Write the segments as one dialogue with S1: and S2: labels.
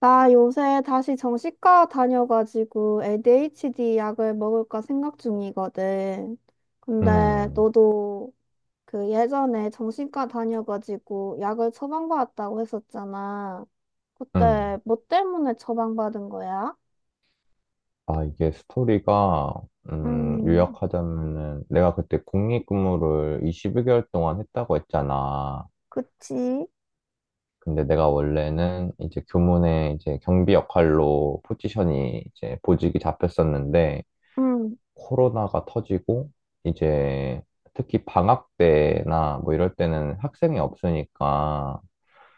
S1: 나 요새 다시 정신과 다녀가지고 ADHD 약을 먹을까 생각 중이거든. 근데
S2: 음,
S1: 너도 그 예전에 정신과 다녀가지고 약을 처방받았다고 했었잖아.
S2: 음.
S1: 그때 뭐 때문에 처방받은 거야?
S2: 아, 이게 스토리가,
S1: 음,
S2: 요약하자면은, 내가 그때 국립근무를 21개월 동안 했다고 했잖아.
S1: 그치.
S2: 근데 내가 원래는 이제 교문에 이제 경비 역할로 포지션이 이제 보직이 잡혔었는데,
S1: 응,
S2: 코로나가 터지고, 이제 특히 방학 때나 뭐 이럴 때는 학생이 없으니까,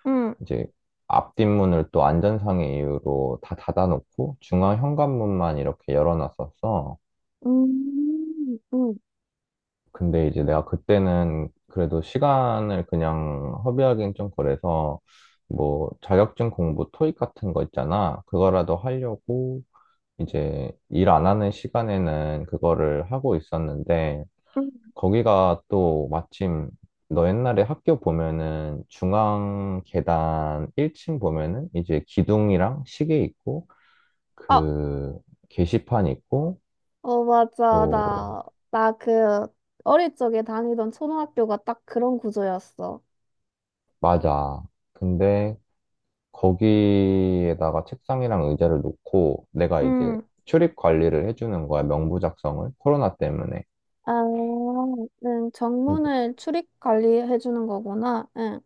S1: 응,
S2: 이제 앞뒷문을 또 안전상의 이유로 다 닫아놓고, 중앙 현관문만 이렇게 열어놨었어.
S1: 응,
S2: 근데 이제 내가 그때는 그래도 시간을 그냥 허비하기엔 좀 그래서 뭐 자격증 공부 토익 같은 거 있잖아. 그거라도 하려고 이제 일 안 하는 시간에는 그거를 하고 있었는데
S1: 응.
S2: 거기가 또 마침 너 옛날에 학교 보면은 중앙 계단 1층 보면은 이제 기둥이랑 시계 있고
S1: 아,
S2: 그 게시판 있고
S1: 어, 맞아.
S2: 또
S1: 나 그 어릴 적에 다니던 초등학교가 딱 그런 구조였어.
S2: 맞아. 근데 거기에다가 책상이랑 의자를 놓고 내가 이제
S1: 응.
S2: 출입 관리를 해주는 거야, 명부 작성을. 코로나 때문에.
S1: 아, 응,
S2: 음,
S1: 정문을 출입 관리해 주는 거구나. 응.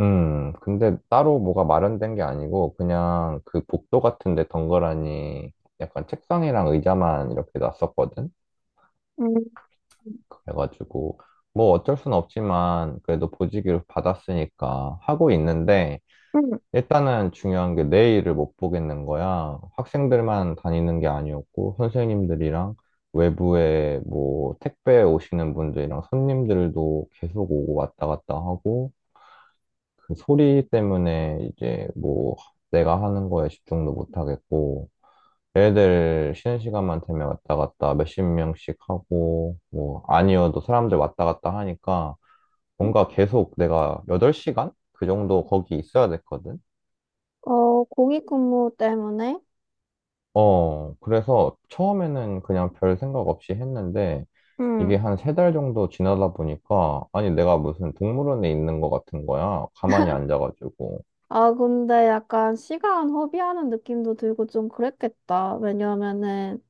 S2: 근데 따로 뭐가 마련된 게 아니고 그냥 그 복도 같은 데 덩그러니 약간 책상이랑 의자만 이렇게 놨었거든.
S1: 음,
S2: 그래가지고 뭐 어쩔 순 없지만 그래도 보직을 받았으니까 하고 있는데
S1: 음,
S2: 일단은 중요한 게 내일을 못 보겠는 거야. 학생들만 다니는 게 아니었고, 선생님들이랑 외부에 뭐 택배 오시는 분들이랑 손님들도 계속 오고 왔다 갔다 하고, 그 소리 때문에 이제 뭐 내가 하는 거에 집중도 못 하겠고, 애들 쉬는 시간만 되면 왔다 갔다 몇십 명씩 하고, 뭐 아니어도 사람들 왔다 갔다 하니까, 뭔가 계속 내가 8시간? 그 정도 거기 있어야 됐거든.
S1: 어, 공익근무 때문에?
S2: 어, 그래서 처음에는 그냥 별 생각 없이 했는데 이게
S1: 응.
S2: 한 3달 정도 지나다 보니까 아니 내가 무슨 동물원에 있는 것 같은 거야. 가만히 앉아가지고.
S1: 아, 근데 약간 시간 허비하는 느낌도 들고 좀 그랬겠다. 왜냐면은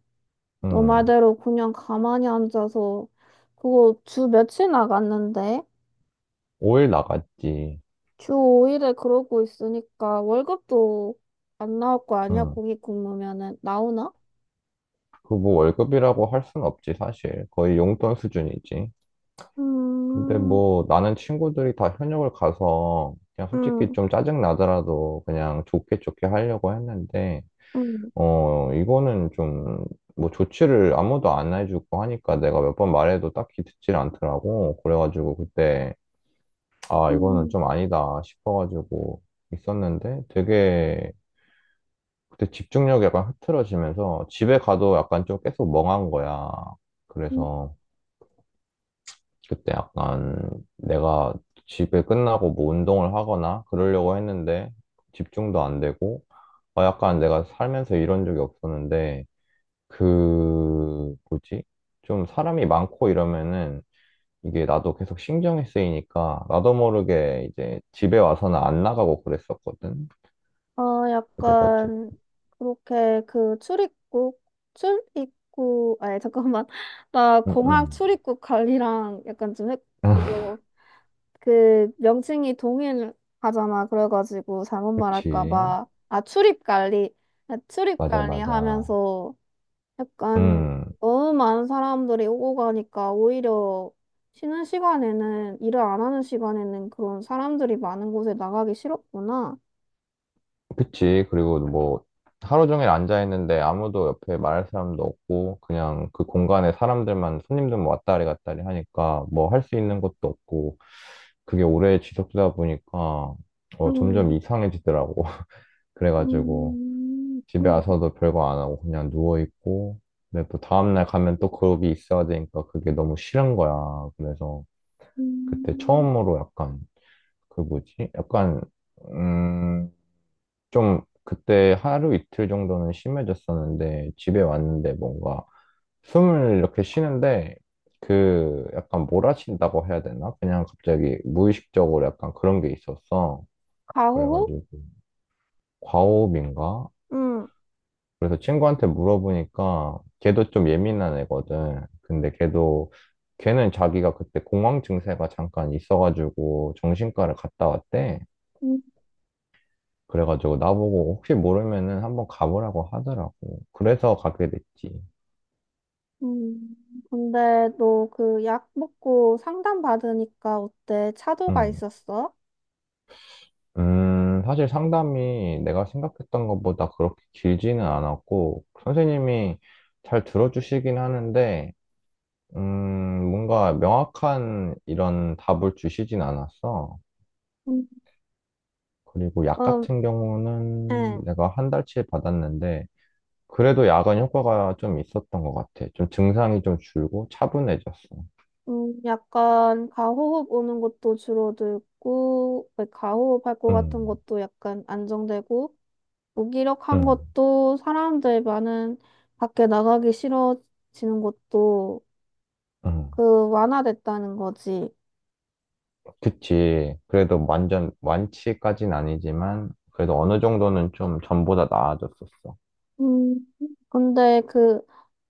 S1: 너
S2: 음,
S1: 말대로 그냥 가만히 앉아서 그거 주 며칠 나갔는데
S2: 5일 나갔지.
S1: 주 5일에 그러고 있으니까 월급도 안 나올 거 아니야?
S2: 음,
S1: 공익근무면은 나오나?
S2: 그 뭐 월급이라고 할 순 없지 사실. 거의 용돈 수준이지. 근데
S1: 음,
S2: 뭐 나는 친구들이 다 현역을 가서 그냥 솔직히
S1: 음,
S2: 좀 짜증 나더라도 그냥 좋게 좋게 하려고 했는데
S1: 음,
S2: 어, 이거는 좀, 뭐, 조치를 아무도 안 해주고 하니까 내가 몇 번 말해도 딱히 듣질 않더라고. 그래가지고 그때, 아, 이거는
S1: 음.
S2: 좀 아니다 싶어가지고 있었는데 되게 그때 집중력이 약간 흐트러지면서 집에 가도 약간 좀 계속 멍한 거야.
S1: 음.
S2: 그래서 그때 약간 내가 집에 끝나고 뭐 운동을 하거나 그러려고 했는데 집중도 안 되고, 아, 약간 내가 살면서 이런 적이 없었는데 그, 뭐지? 좀 사람이 많고 이러면은 이게 나도 계속 신경이 쓰이니까 나도 모르게 이제 집에 와서는 안 나가고 그랬었거든.
S1: 어,
S2: 그래가지고.
S1: 약간, 그렇게 그 출입국, 아니, 잠깐만. 나
S2: 응,
S1: 공항
S2: 응.
S1: 출입국 관리랑 약간 좀, 그거, 그 명칭이 동일하잖아. 그래가지고 잘못
S2: 그치.
S1: 말할까봐. 아, 출입 관리. 아, 출입
S2: 맞아,
S1: 관리
S2: 맞아.
S1: 하면서 약간
S2: 음,
S1: 너무 많은 사람들이 오고 가니까 오히려 쉬는 시간에는, 일을 안 하는 시간에는 그런 사람들이 많은 곳에 나가기 싫었구나.
S2: 그치. 그리고 뭐, 하루 종일 앉아있는데 아무도 옆에 말할 사람도 없고, 그냥 그 공간에 사람들만, 손님들만 왔다리 갔다리 하니까 뭐 할 수 있는 것도 없고, 그게 오래 지속되다 보니까, 어, 점점
S1: 음,
S2: 이상해지더라고. 그래가지고
S1: 음,
S2: 집에
S1: 음,
S2: 와서도 별거 안 하고 그냥 누워있고 근데 또 다음날 가면 또 그룹이 있어야 되니까 그게 너무 싫은 거야. 그래서 그때
S1: 음.
S2: 처음으로 약간 그 뭐지? 약간 음, 좀 그때 하루 이틀 정도는 심해졌었는데 집에 왔는데 뭔가 숨을 이렇게 쉬는데 그 약간 몰아친다고 해야 되나? 그냥 갑자기 무의식적으로 약간 그런 게 있었어.
S1: 가호호?
S2: 그래가지고 과호흡인가?
S1: 응,
S2: 그래서 친구한테 물어보니까 걔도 좀 예민한 애거든. 근데 걔도 걔는 자기가 그때 공황 증세가 잠깐 있어가지고 정신과를 갔다 왔대.
S1: 음,
S2: 그래가지고 나보고 혹시 모르면은 한번 가보라고 하더라고. 그래서 가게 됐지.
S1: 음. 근데 너 그 약 먹고 상담 받으니까 어때? 차도가
S2: 음.
S1: 있었어?
S2: 사실 상담이 내가 생각했던 것보다 그렇게 길지는 않았고, 선생님이 잘 들어주시긴 하는데, 뭔가 명확한 이런 답을 주시진 않았어.
S1: 음,
S2: 그리고 약
S1: 음,
S2: 같은
S1: 예.
S2: 경우는 내가 한 달치 받았는데, 그래도 약은 효과가 좀 있었던 것 같아. 좀 증상이 좀 줄고 차분해졌어.
S1: 약간 가호흡 오는 것도 줄어들고, 왜 가호흡 할 것 같은
S2: 음,
S1: 것도 약간 안정되고, 무기력한
S2: 음,
S1: 것도 사람들 많은 밖에 나가기 싫어지는 것도
S2: 음.
S1: 그 완화됐다는 거지.
S2: 그치. 그래도 완전 완치까진 아니지만, 그래도 어느 정도는 좀 전보다 나아졌었어.
S1: 음, 근데 그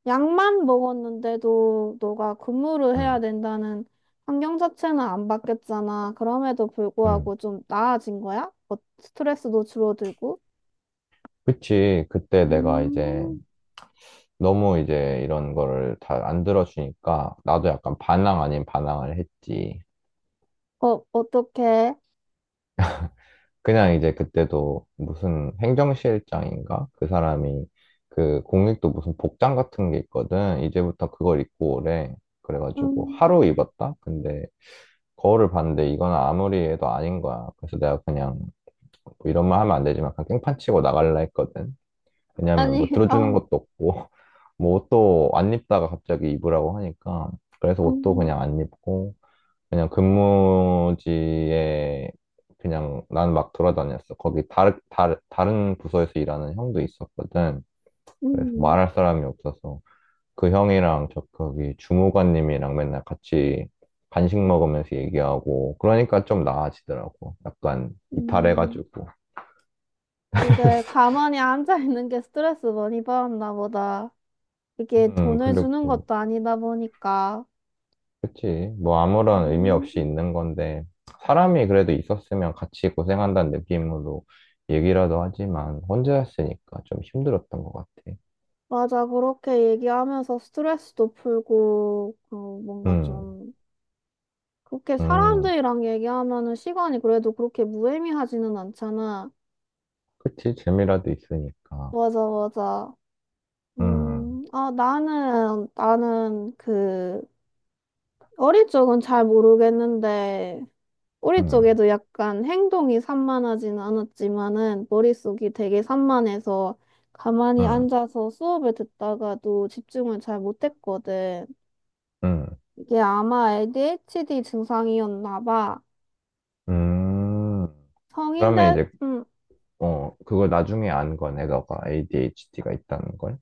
S1: 약만 먹었는데도 너가 근무를 해야
S2: 음,
S1: 된다는 환경 자체는 안 바뀌었잖아. 그럼에도
S2: 음.
S1: 불구하고 좀 나아진 거야? 어, 스트레스도 줄어들고?
S2: 그치. 그때 내가 이제
S1: 음,
S2: 너무 이제 이런 거를 다 안 들어주니까, 나도 약간 반항 아닌 반항을 했지.
S1: 어, 어떡해?
S2: 그냥 이제 그때도 무슨 행정실장인가? 그 사람이 그 공익도 무슨 복장 같은 게 있거든. 이제부터 그걸 입고 오래. 그래가지고
S1: 음,
S2: 하루 입었다? 근데 거울을 봤는데 이건 아무리 해도 아닌 거야. 그래서 내가 그냥 뭐 이런 말 하면 안 되지만 그냥 깽판 치고 나갈라 했거든. 왜냐면 뭐
S1: 아니,
S2: 들어주는
S1: 어,
S2: 것도 없고 뭐 옷도 안 입다가 갑자기 입으라고 하니까. 그래서 옷도
S1: 음,
S2: 그냥 안 입고 그냥 근무지에 그냥 난 막 돌아다녔어. 거기 다른 부서에서 일하는 형도 있었거든. 그래서
S1: 음,
S2: 말할 사람이 없어서 그 형이랑 저 거기 주무관님이랑 맨날 같이 간식 먹으면서 얘기하고 그러니까 좀 나아지더라고. 약간
S1: 음.
S2: 이탈해가지고.
S1: 그게 가만히 앉아 있는 게 스트레스 많이 받았나 보다. 이게 돈을 주는
S2: 그리고
S1: 것도 아니다 보니까.
S2: 그치. 뭐 아무런 의미
S1: 음.
S2: 없이 있는 건데, 사람이 그래도 있었으면 같이 고생한다는 느낌으로 얘기라도 하지만, 혼자였으니까 좀 힘들었던 것 같아.
S1: 맞아, 그렇게 얘기하면서 스트레스도 풀고, 그, 뭔가
S2: 음,
S1: 좀, 그렇게
S2: 음,
S1: 사람들이랑 얘기하면은 시간이 그래도 그렇게 무의미하지는 않잖아.
S2: 그치. 재미라도 있으니까.
S1: 맞아, 맞아.
S2: 음,
S1: 아, 나는 그, 어릴 적은 잘 모르겠는데, 우리
S2: 음,
S1: 쪽에도 약간 행동이 산만하지는 않았지만은, 머릿속이 되게 산만해서, 가만히
S2: 음,
S1: 앉아서 수업을 듣다가도 집중을 잘 못했거든.
S2: 음,
S1: 이게 아마 ADHD 증상이었나 봐.
S2: 음.
S1: 성인
S2: 그러면
S1: 돼,
S2: 이제,
S1: 음,
S2: 어, 그걸 나중에 안 거네, 너가 ADHD가 있다는 걸.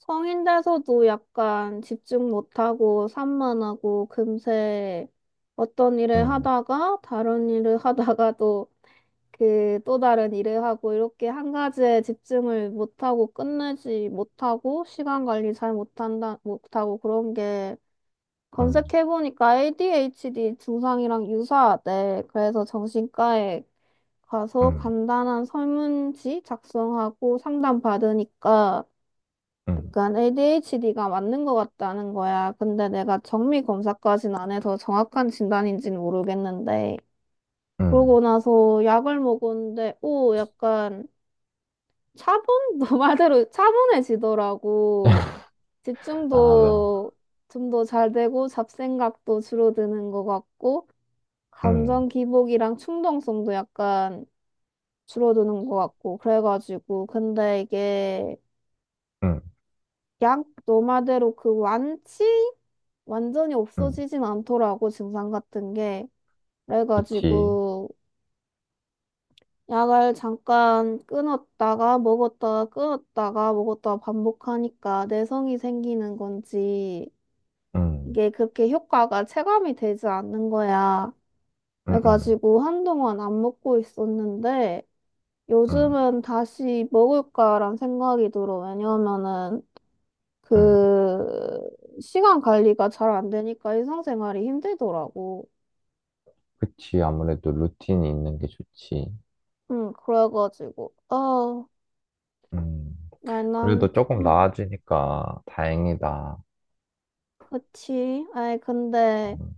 S1: 성인 돼서도 약간 집중 못하고 산만하고 금세 어떤 일을
S2: 음,
S1: 하다가 다른 일을 하다가도 그 또 다른 일을 하고 이렇게 한 가지에 집중을 못하고 끝내지 못하고 시간 관리 잘 못하고 그런 게
S2: 음,
S1: 검색해보니까 ADHD 증상이랑 유사하대. 그래서 정신과에 가서
S2: 음,
S1: 간단한 설문지 작성하고 상담 받으니까
S2: 음,
S1: 약간 ADHD가 맞는 것 같다는 거야. 근데 내가 정밀 검사까지는 안 해서 정확한 진단인지는 모르겠는데.
S2: 음.
S1: 그러고 나서 약을 먹었는데, 오, 약간 차분? 너 말대로 차분해지더라고.
S2: 아, 뭐,
S1: 집중도 좀 더 잘 되고 잡생각도 줄어드는 것 같고,
S2: 음,
S1: 감정 기복이랑 충동성도 약간 줄어드는 것 같고 그래가지고 근데 이게
S2: 음,
S1: 약 너마대로 그 완치 완전히
S2: 음.
S1: 없어지진 않더라고 증상 같은 게.
S2: 그치.
S1: 그래가지고 약을 잠깐 끊었다가 먹었다가 끊었다가 먹었다가 반복하니까 내성이 생기는 건지
S2: 음,
S1: 이게 그렇게 효과가 체감이 되지 않는 거야.
S2: 음, 음.
S1: 그래가지고 한동안 안 먹고 있었는데
S2: 응,
S1: 요즘은 다시 먹을까란 생각이 들어. 왜냐면은
S2: 응.
S1: 그 시간 관리가 잘 안 되니까 일상생활이 힘들더라고.
S2: 그치. 아무래도 루틴이 있는 게 좋지.
S1: 응, 그래가지고 어
S2: 음.
S1: 말랑
S2: 그래도 조금
S1: 응
S2: 나아지니까 다행이다.
S1: 그치. 아이 근데
S2: 음,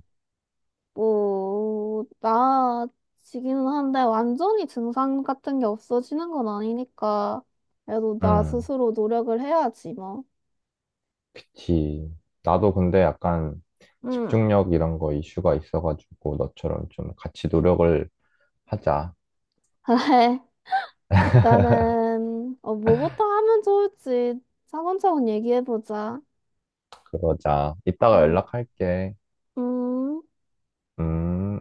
S1: 뭐 나아지기는 한데 완전히 증상 같은 게 없어지는 건 아니니까 그래도 나
S2: 응,
S1: 스스로 노력을 해야지 뭐.
S2: 그치. 나도 근데 약간
S1: 응.
S2: 집중력 이런 거 이슈가 있어가지고 너처럼 좀 같이 노력을 하자.
S1: 그래. 일단은 어 뭐부터 하면 좋을지 차근차근 얘기해보자.
S2: 그러자. 이따가
S1: 음,
S2: 연락할게.
S1: 음.
S2: 음.